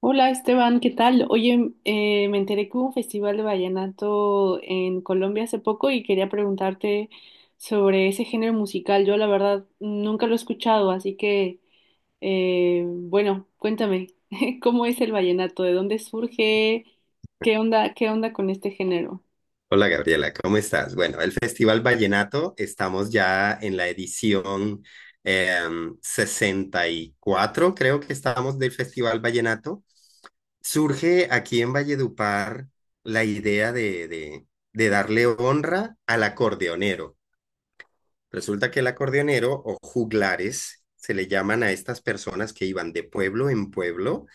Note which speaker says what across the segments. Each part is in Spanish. Speaker 1: Hola Esteban, ¿qué tal? Oye, me enteré que hubo un festival de vallenato en Colombia hace poco y quería preguntarte sobre ese género musical. Yo la verdad nunca lo he escuchado, así que bueno, cuéntame, ¿cómo es el vallenato? ¿De dónde surge? Qué onda con este género?
Speaker 2: Hola Gabriela, ¿cómo estás? Bueno, el Festival Vallenato, estamos ya en la edición 64, creo que estamos del Festival Vallenato. Surge aquí en Valledupar la idea de darle honra al acordeonero. Resulta que el acordeonero o juglares se le llaman a estas personas que iban de pueblo en pueblo,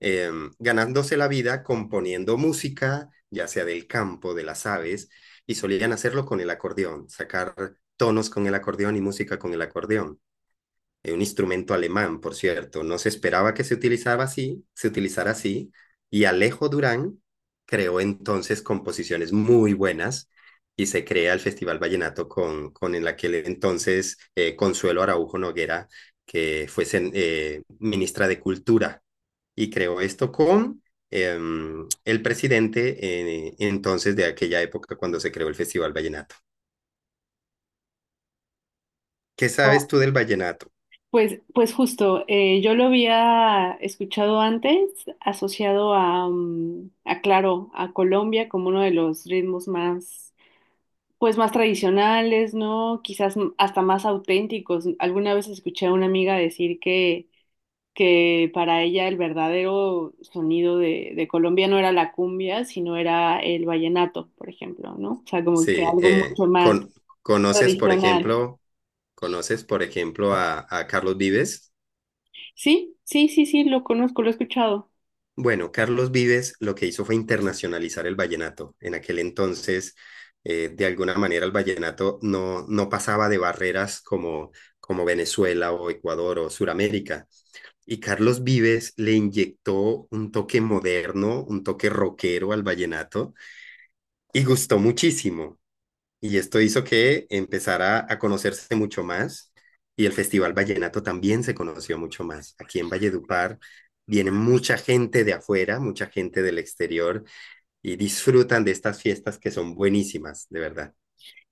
Speaker 2: eh, ganándose la vida componiendo música, ya sea del campo, de las aves, y solían hacerlo con el acordeón, sacar tonos con el acordeón y música con el acordeón, un instrumento alemán, por cierto. No se esperaba que se utilizara así, y Alejo Durán creó entonces composiciones muy buenas y se crea el Festival Vallenato con en aquel entonces, Consuelo Araujo Noguera, que fue ministra de Cultura, y creó esto con eh, el presidente entonces de aquella época cuando se creó el Festival Vallenato. ¿Qué sabes
Speaker 1: Bueno,
Speaker 2: tú del vallenato?
Speaker 1: pues, justo, yo lo había escuchado antes, asociado a, a claro, a Colombia como uno de los ritmos más, pues más tradicionales, ¿no? Quizás hasta más auténticos. Alguna vez escuché a una amiga decir que, para ella el verdadero sonido de, Colombia no era la cumbia, sino era el vallenato, por ejemplo, ¿no? O sea, como
Speaker 2: Sí,
Speaker 1: que algo
Speaker 2: eh,
Speaker 1: mucho más
Speaker 2: con, ¿conoces, por
Speaker 1: tradicional.
Speaker 2: ejemplo, ¿conoces, por ejemplo, a Carlos Vives?
Speaker 1: Sí, sí, sí, sí, lo conozco, lo he escuchado.
Speaker 2: Bueno, Carlos Vives lo que hizo fue internacionalizar el vallenato. En aquel entonces, de alguna manera, el vallenato no pasaba de barreras como, como Venezuela o Ecuador o Suramérica. Y Carlos Vives le inyectó un toque moderno, un toque rockero al vallenato y gustó muchísimo. Y esto hizo que empezara a conocerse mucho más y el Festival Vallenato también se conoció mucho más. Aquí en Valledupar viene mucha gente de afuera, mucha gente del exterior y disfrutan de estas fiestas que son buenísimas, de verdad.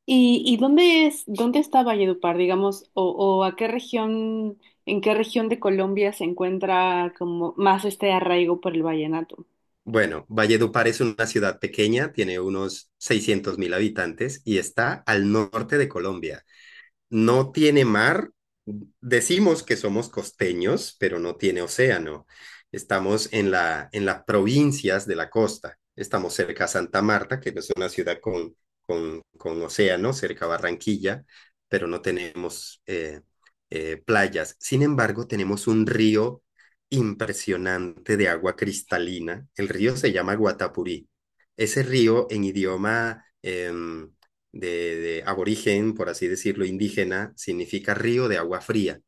Speaker 1: ¿Y, dónde es, dónde está Valledupar, digamos, o, a qué región, en qué región de Colombia se encuentra como más este arraigo por el vallenato?
Speaker 2: Bueno, Valledupar es una ciudad pequeña, tiene unos 600.000 habitantes y está al norte de Colombia. No tiene mar. Decimos que somos costeños, pero no tiene océano. Estamos en en las provincias de la costa. Estamos cerca a Santa Marta, que es una ciudad con, con océano, cerca a Barranquilla, pero no tenemos playas. Sin embargo, tenemos un río impresionante de agua cristalina. El río se llama Guatapurí. Ese río en idioma de aborigen, por así decirlo, indígena, significa río de agua fría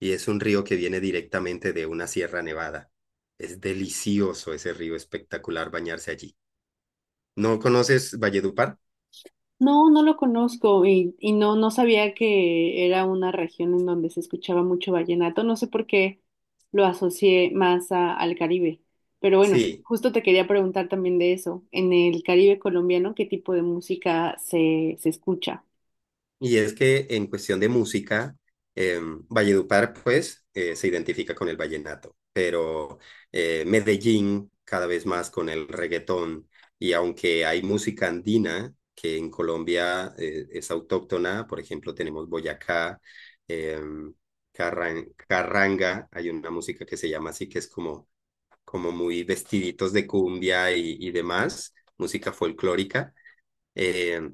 Speaker 2: y es un río que viene directamente de una sierra nevada. Es delicioso ese río, espectacular bañarse allí. ¿No conoces Valledupar?
Speaker 1: No, no lo conozco y, no, no sabía que era una región en donde se escuchaba mucho vallenato. No sé por qué lo asocié más al Caribe. Pero bueno,
Speaker 2: Sí.
Speaker 1: justo te quería preguntar también de eso. En el Caribe colombiano, ¿qué tipo de música se, escucha?
Speaker 2: Y es que en cuestión de música, eh, Valledupar, pues, se identifica con el vallenato, pero Medellín cada vez más con el reggaetón. Y aunque hay música andina que en Colombia es autóctona, por ejemplo, tenemos Boyacá, eh, Carranga, hay una música que se llama así, que es como, como muy vestiditos de cumbia y demás, música folclórica. eh,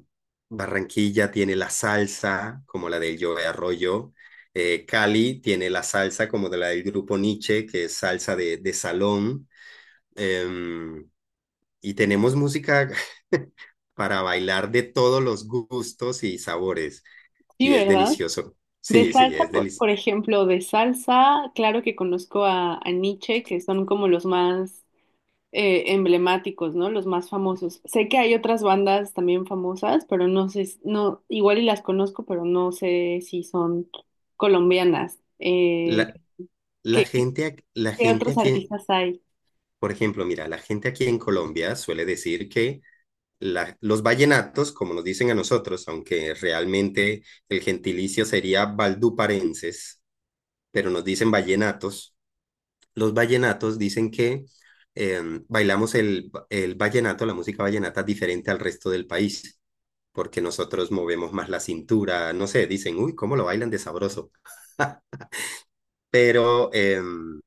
Speaker 2: Barranquilla tiene la salsa, como la del Joe Arroyo. Cali tiene la salsa, como de la del grupo Nietzsche, que es salsa de salón. Em, y tenemos música para bailar de todos los gustos y sabores.
Speaker 1: Sí,
Speaker 2: Y es
Speaker 1: ¿verdad?
Speaker 2: delicioso.
Speaker 1: De
Speaker 2: Sí, sí,
Speaker 1: salsa,
Speaker 2: es delicioso.
Speaker 1: por ejemplo, de salsa, claro que conozco a, Nietzsche, que son como los más emblemáticos, ¿no? Los más famosos. Sé que hay otras bandas también famosas, pero no sé, s- no, igual y las conozco, pero no sé si son colombianas.
Speaker 2: La,
Speaker 1: ¿Qué,
Speaker 2: la gente
Speaker 1: otros
Speaker 2: aquí,
Speaker 1: artistas hay?
Speaker 2: por ejemplo, mira, la gente aquí en Colombia suele decir que los vallenatos, como nos dicen a nosotros, aunque realmente el gentilicio sería valduparenses, pero nos dicen vallenatos, los vallenatos dicen que eh, bailamos el vallenato, la música vallenata, diferente al resto del país, porque nosotros movemos más la cintura, no sé, dicen, uy, ¿cómo lo bailan de sabroso? Pero...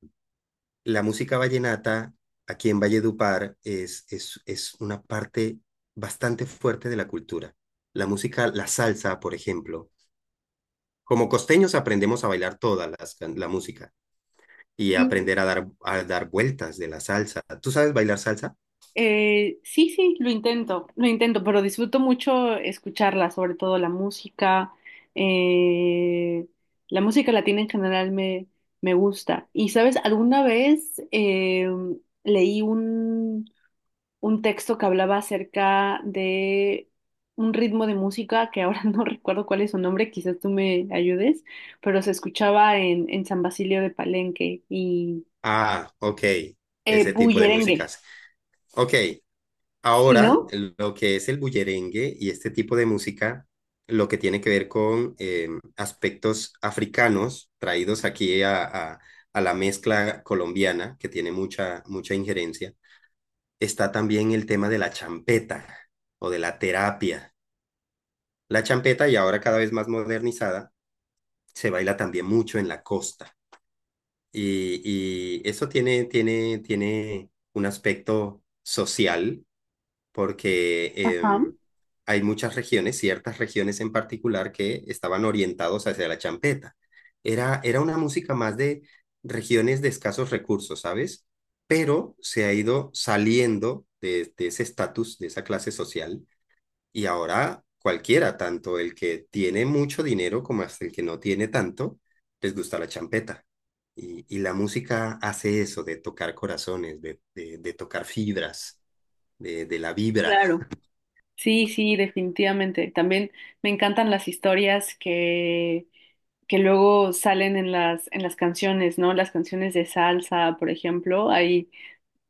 Speaker 2: la música vallenata aquí en Valledupar es una parte bastante fuerte de la cultura. La música, la salsa, por ejemplo. Como costeños aprendemos a bailar la música y
Speaker 1: Sí,
Speaker 2: aprender a dar vueltas de la salsa. ¿Tú sabes bailar salsa?
Speaker 1: sí, sí, lo intento, pero disfruto mucho escucharla, sobre todo la música. eh, la música latina en general me, gusta. Y, ¿sabes? Alguna vez leí un texto que hablaba acerca de un ritmo de música que ahora no recuerdo cuál es su nombre, quizás tú me ayudes, pero se escuchaba en, San Basilio de Palenque y
Speaker 2: Ah, ok. Ese tipo de
Speaker 1: bullerengue,
Speaker 2: músicas. Ok,
Speaker 1: sí,
Speaker 2: ahora,
Speaker 1: ¿no?
Speaker 2: lo que es el bullerengue y este tipo de música, lo que tiene que ver con aspectos africanos traídos aquí a la mezcla colombiana, que tiene mucha, mucha injerencia, está también el tema de la champeta o de la terapia. La champeta, y ahora cada vez más modernizada, se baila también mucho en la costa. Y, y eso tiene un aspecto social porque
Speaker 1: Ajá,
Speaker 2: em, hay muchas regiones, ciertas regiones en particular, que estaban orientados hacia la champeta. Era una música más de regiones de escasos recursos, ¿sabes? Pero se ha ido saliendo de ese estatus, de esa clase social, y ahora cualquiera, tanto el que tiene mucho dinero como hasta el que no tiene tanto, les gusta la champeta. Y la música hace eso, de tocar corazones, de tocar fibras, de la vibra.
Speaker 1: claro. Sí, sí, definitivamente. También me encantan las historias que, luego salen en las, canciones, ¿no? Las canciones de salsa, por ejemplo, hay,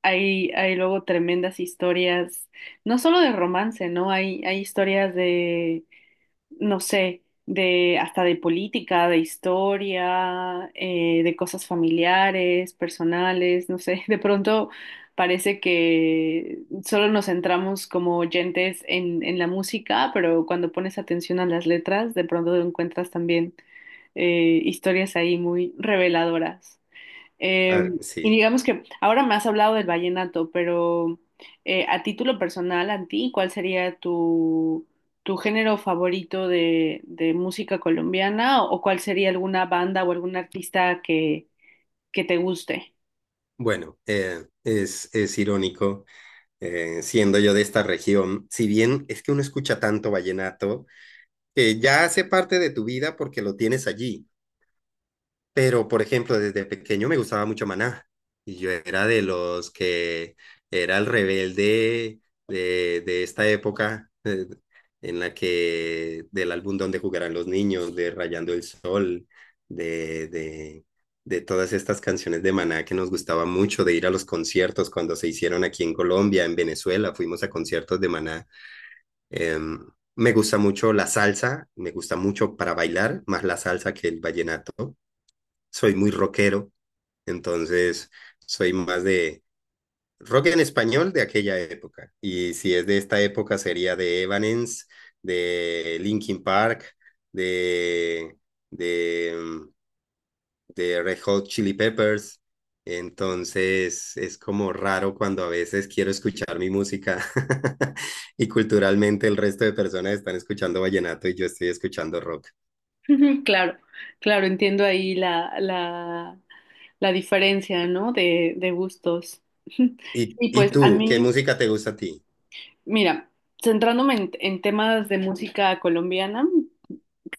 Speaker 1: Hay luego tremendas historias, no solo de romance, ¿no? Hay, historias de, no sé, de hasta de política, de historia, de cosas familiares, personales, no sé. De pronto parece que solo nos centramos como oyentes en, la música, pero cuando pones atención a las letras, de pronto encuentras también historias ahí muy reveladoras. Eh,
Speaker 2: Ah, sí,
Speaker 1: y digamos que ahora me has hablado del vallenato, pero a título personal, a ti, ¿cuál sería tu, género favorito de, música colombiana o, ¿cuál sería alguna banda o algún artista que, te guste?
Speaker 2: bueno, es irónico, siendo yo de esta región, si bien es que uno escucha tanto vallenato, que ya hace parte de tu vida porque lo tienes allí. Pero, por ejemplo, desde pequeño me gustaba mucho Maná. Y yo era de los que era el rebelde de esta época, en la que del álbum donde jugarán los Niños, de Rayando el Sol, de, de, de todas estas canciones de Maná que nos gustaba mucho, de ir a los conciertos cuando se hicieron aquí en Colombia, en Venezuela, fuimos a conciertos de Maná. Em, me gusta mucho la salsa, me gusta mucho para bailar, más la salsa que el vallenato. Soy muy rockero, entonces soy más de rock en español de aquella época. Y si es de esta época sería de Evanescence, de Linkin Park, de, de, mm, de Red Hot Chili Peppers. Entonces es como raro cuando a veces quiero escuchar mi música y culturalmente el resto de personas están escuchando vallenato y yo estoy escuchando rock.
Speaker 1: Ujú, claro, claro, entiendo ahí la, la, diferencia, ¿no? De, gustos. Y
Speaker 2: Y
Speaker 1: pues a
Speaker 2: tú, qué
Speaker 1: mí,
Speaker 2: música te gusta a ti?
Speaker 1: mira, centrándome en temas de música colombiana,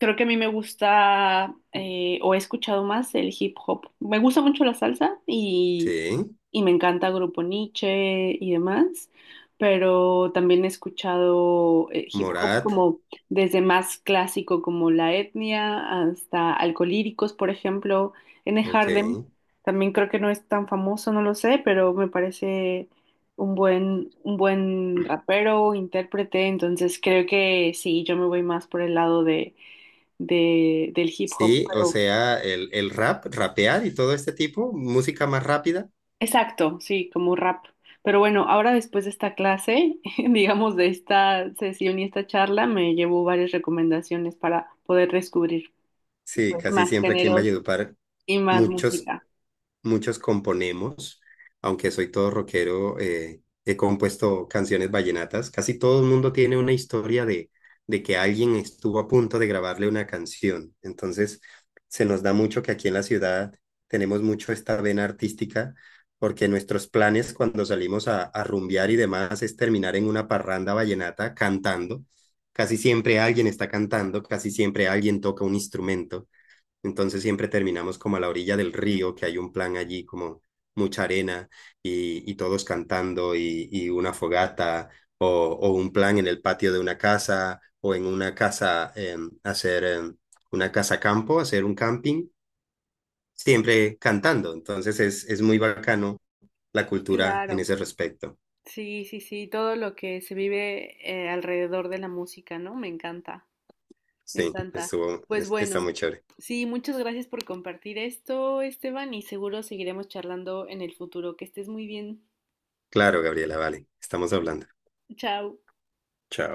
Speaker 1: creo que a mí me gusta o he escuchado más el hip hop. Me gusta mucho la salsa y,
Speaker 2: Sí,
Speaker 1: me encanta Grupo Niche y demás, pero también he escuchado hip hop
Speaker 2: Morat,
Speaker 1: como desde más clásico como La Etnia hasta Alcolíricos, por ejemplo, N.
Speaker 2: ok.
Speaker 1: Hardem. También creo que no es tan famoso, no lo sé, pero me parece un buen rapero, intérprete, entonces creo que sí, yo me voy más por el lado de del hip hop,
Speaker 2: Sí, o
Speaker 1: pero
Speaker 2: sea, el rap, rapear y todo este tipo, música más rápida.
Speaker 1: exacto, sí, como rap. Pero bueno, ahora después de esta clase, digamos de esta sesión y esta charla, me llevo varias recomendaciones para poder descubrir
Speaker 2: Sí,
Speaker 1: pues,
Speaker 2: casi
Speaker 1: más
Speaker 2: siempre aquí en
Speaker 1: géneros
Speaker 2: Valledupar,
Speaker 1: y más
Speaker 2: muchos
Speaker 1: música.
Speaker 2: muchos componemos, aunque soy todo rockero, he compuesto canciones vallenatas. Casi todo el mundo tiene una historia de que alguien estuvo a punto de grabarle una canción. Entonces, se nos da mucho que aquí en la ciudad tenemos mucho esta vena artística, porque nuestros planes cuando salimos a rumbear y demás es terminar en una parranda vallenata cantando. Casi siempre alguien está cantando, casi siempre alguien toca un instrumento. Entonces siempre terminamos como a la orilla del río, que hay un plan allí como mucha arena y todos cantando y una fogata o un plan en el patio de una casa o en una casa, hacer una casa campo, hacer un camping, siempre cantando. Entonces es muy bacano la cultura
Speaker 1: Claro,
Speaker 2: en ese respecto.
Speaker 1: sí, sí, sí, todo lo que se vive alrededor de la música, ¿no? Me encanta, me
Speaker 2: Sí,
Speaker 1: encanta. Pues
Speaker 2: está
Speaker 1: bueno,
Speaker 2: muy chévere.
Speaker 1: sí, muchas gracias por compartir esto, Esteban, y seguro seguiremos charlando en el futuro. Que estés muy bien.
Speaker 2: Claro, Gabriela, vale, estamos hablando.
Speaker 1: Chao.
Speaker 2: Chao.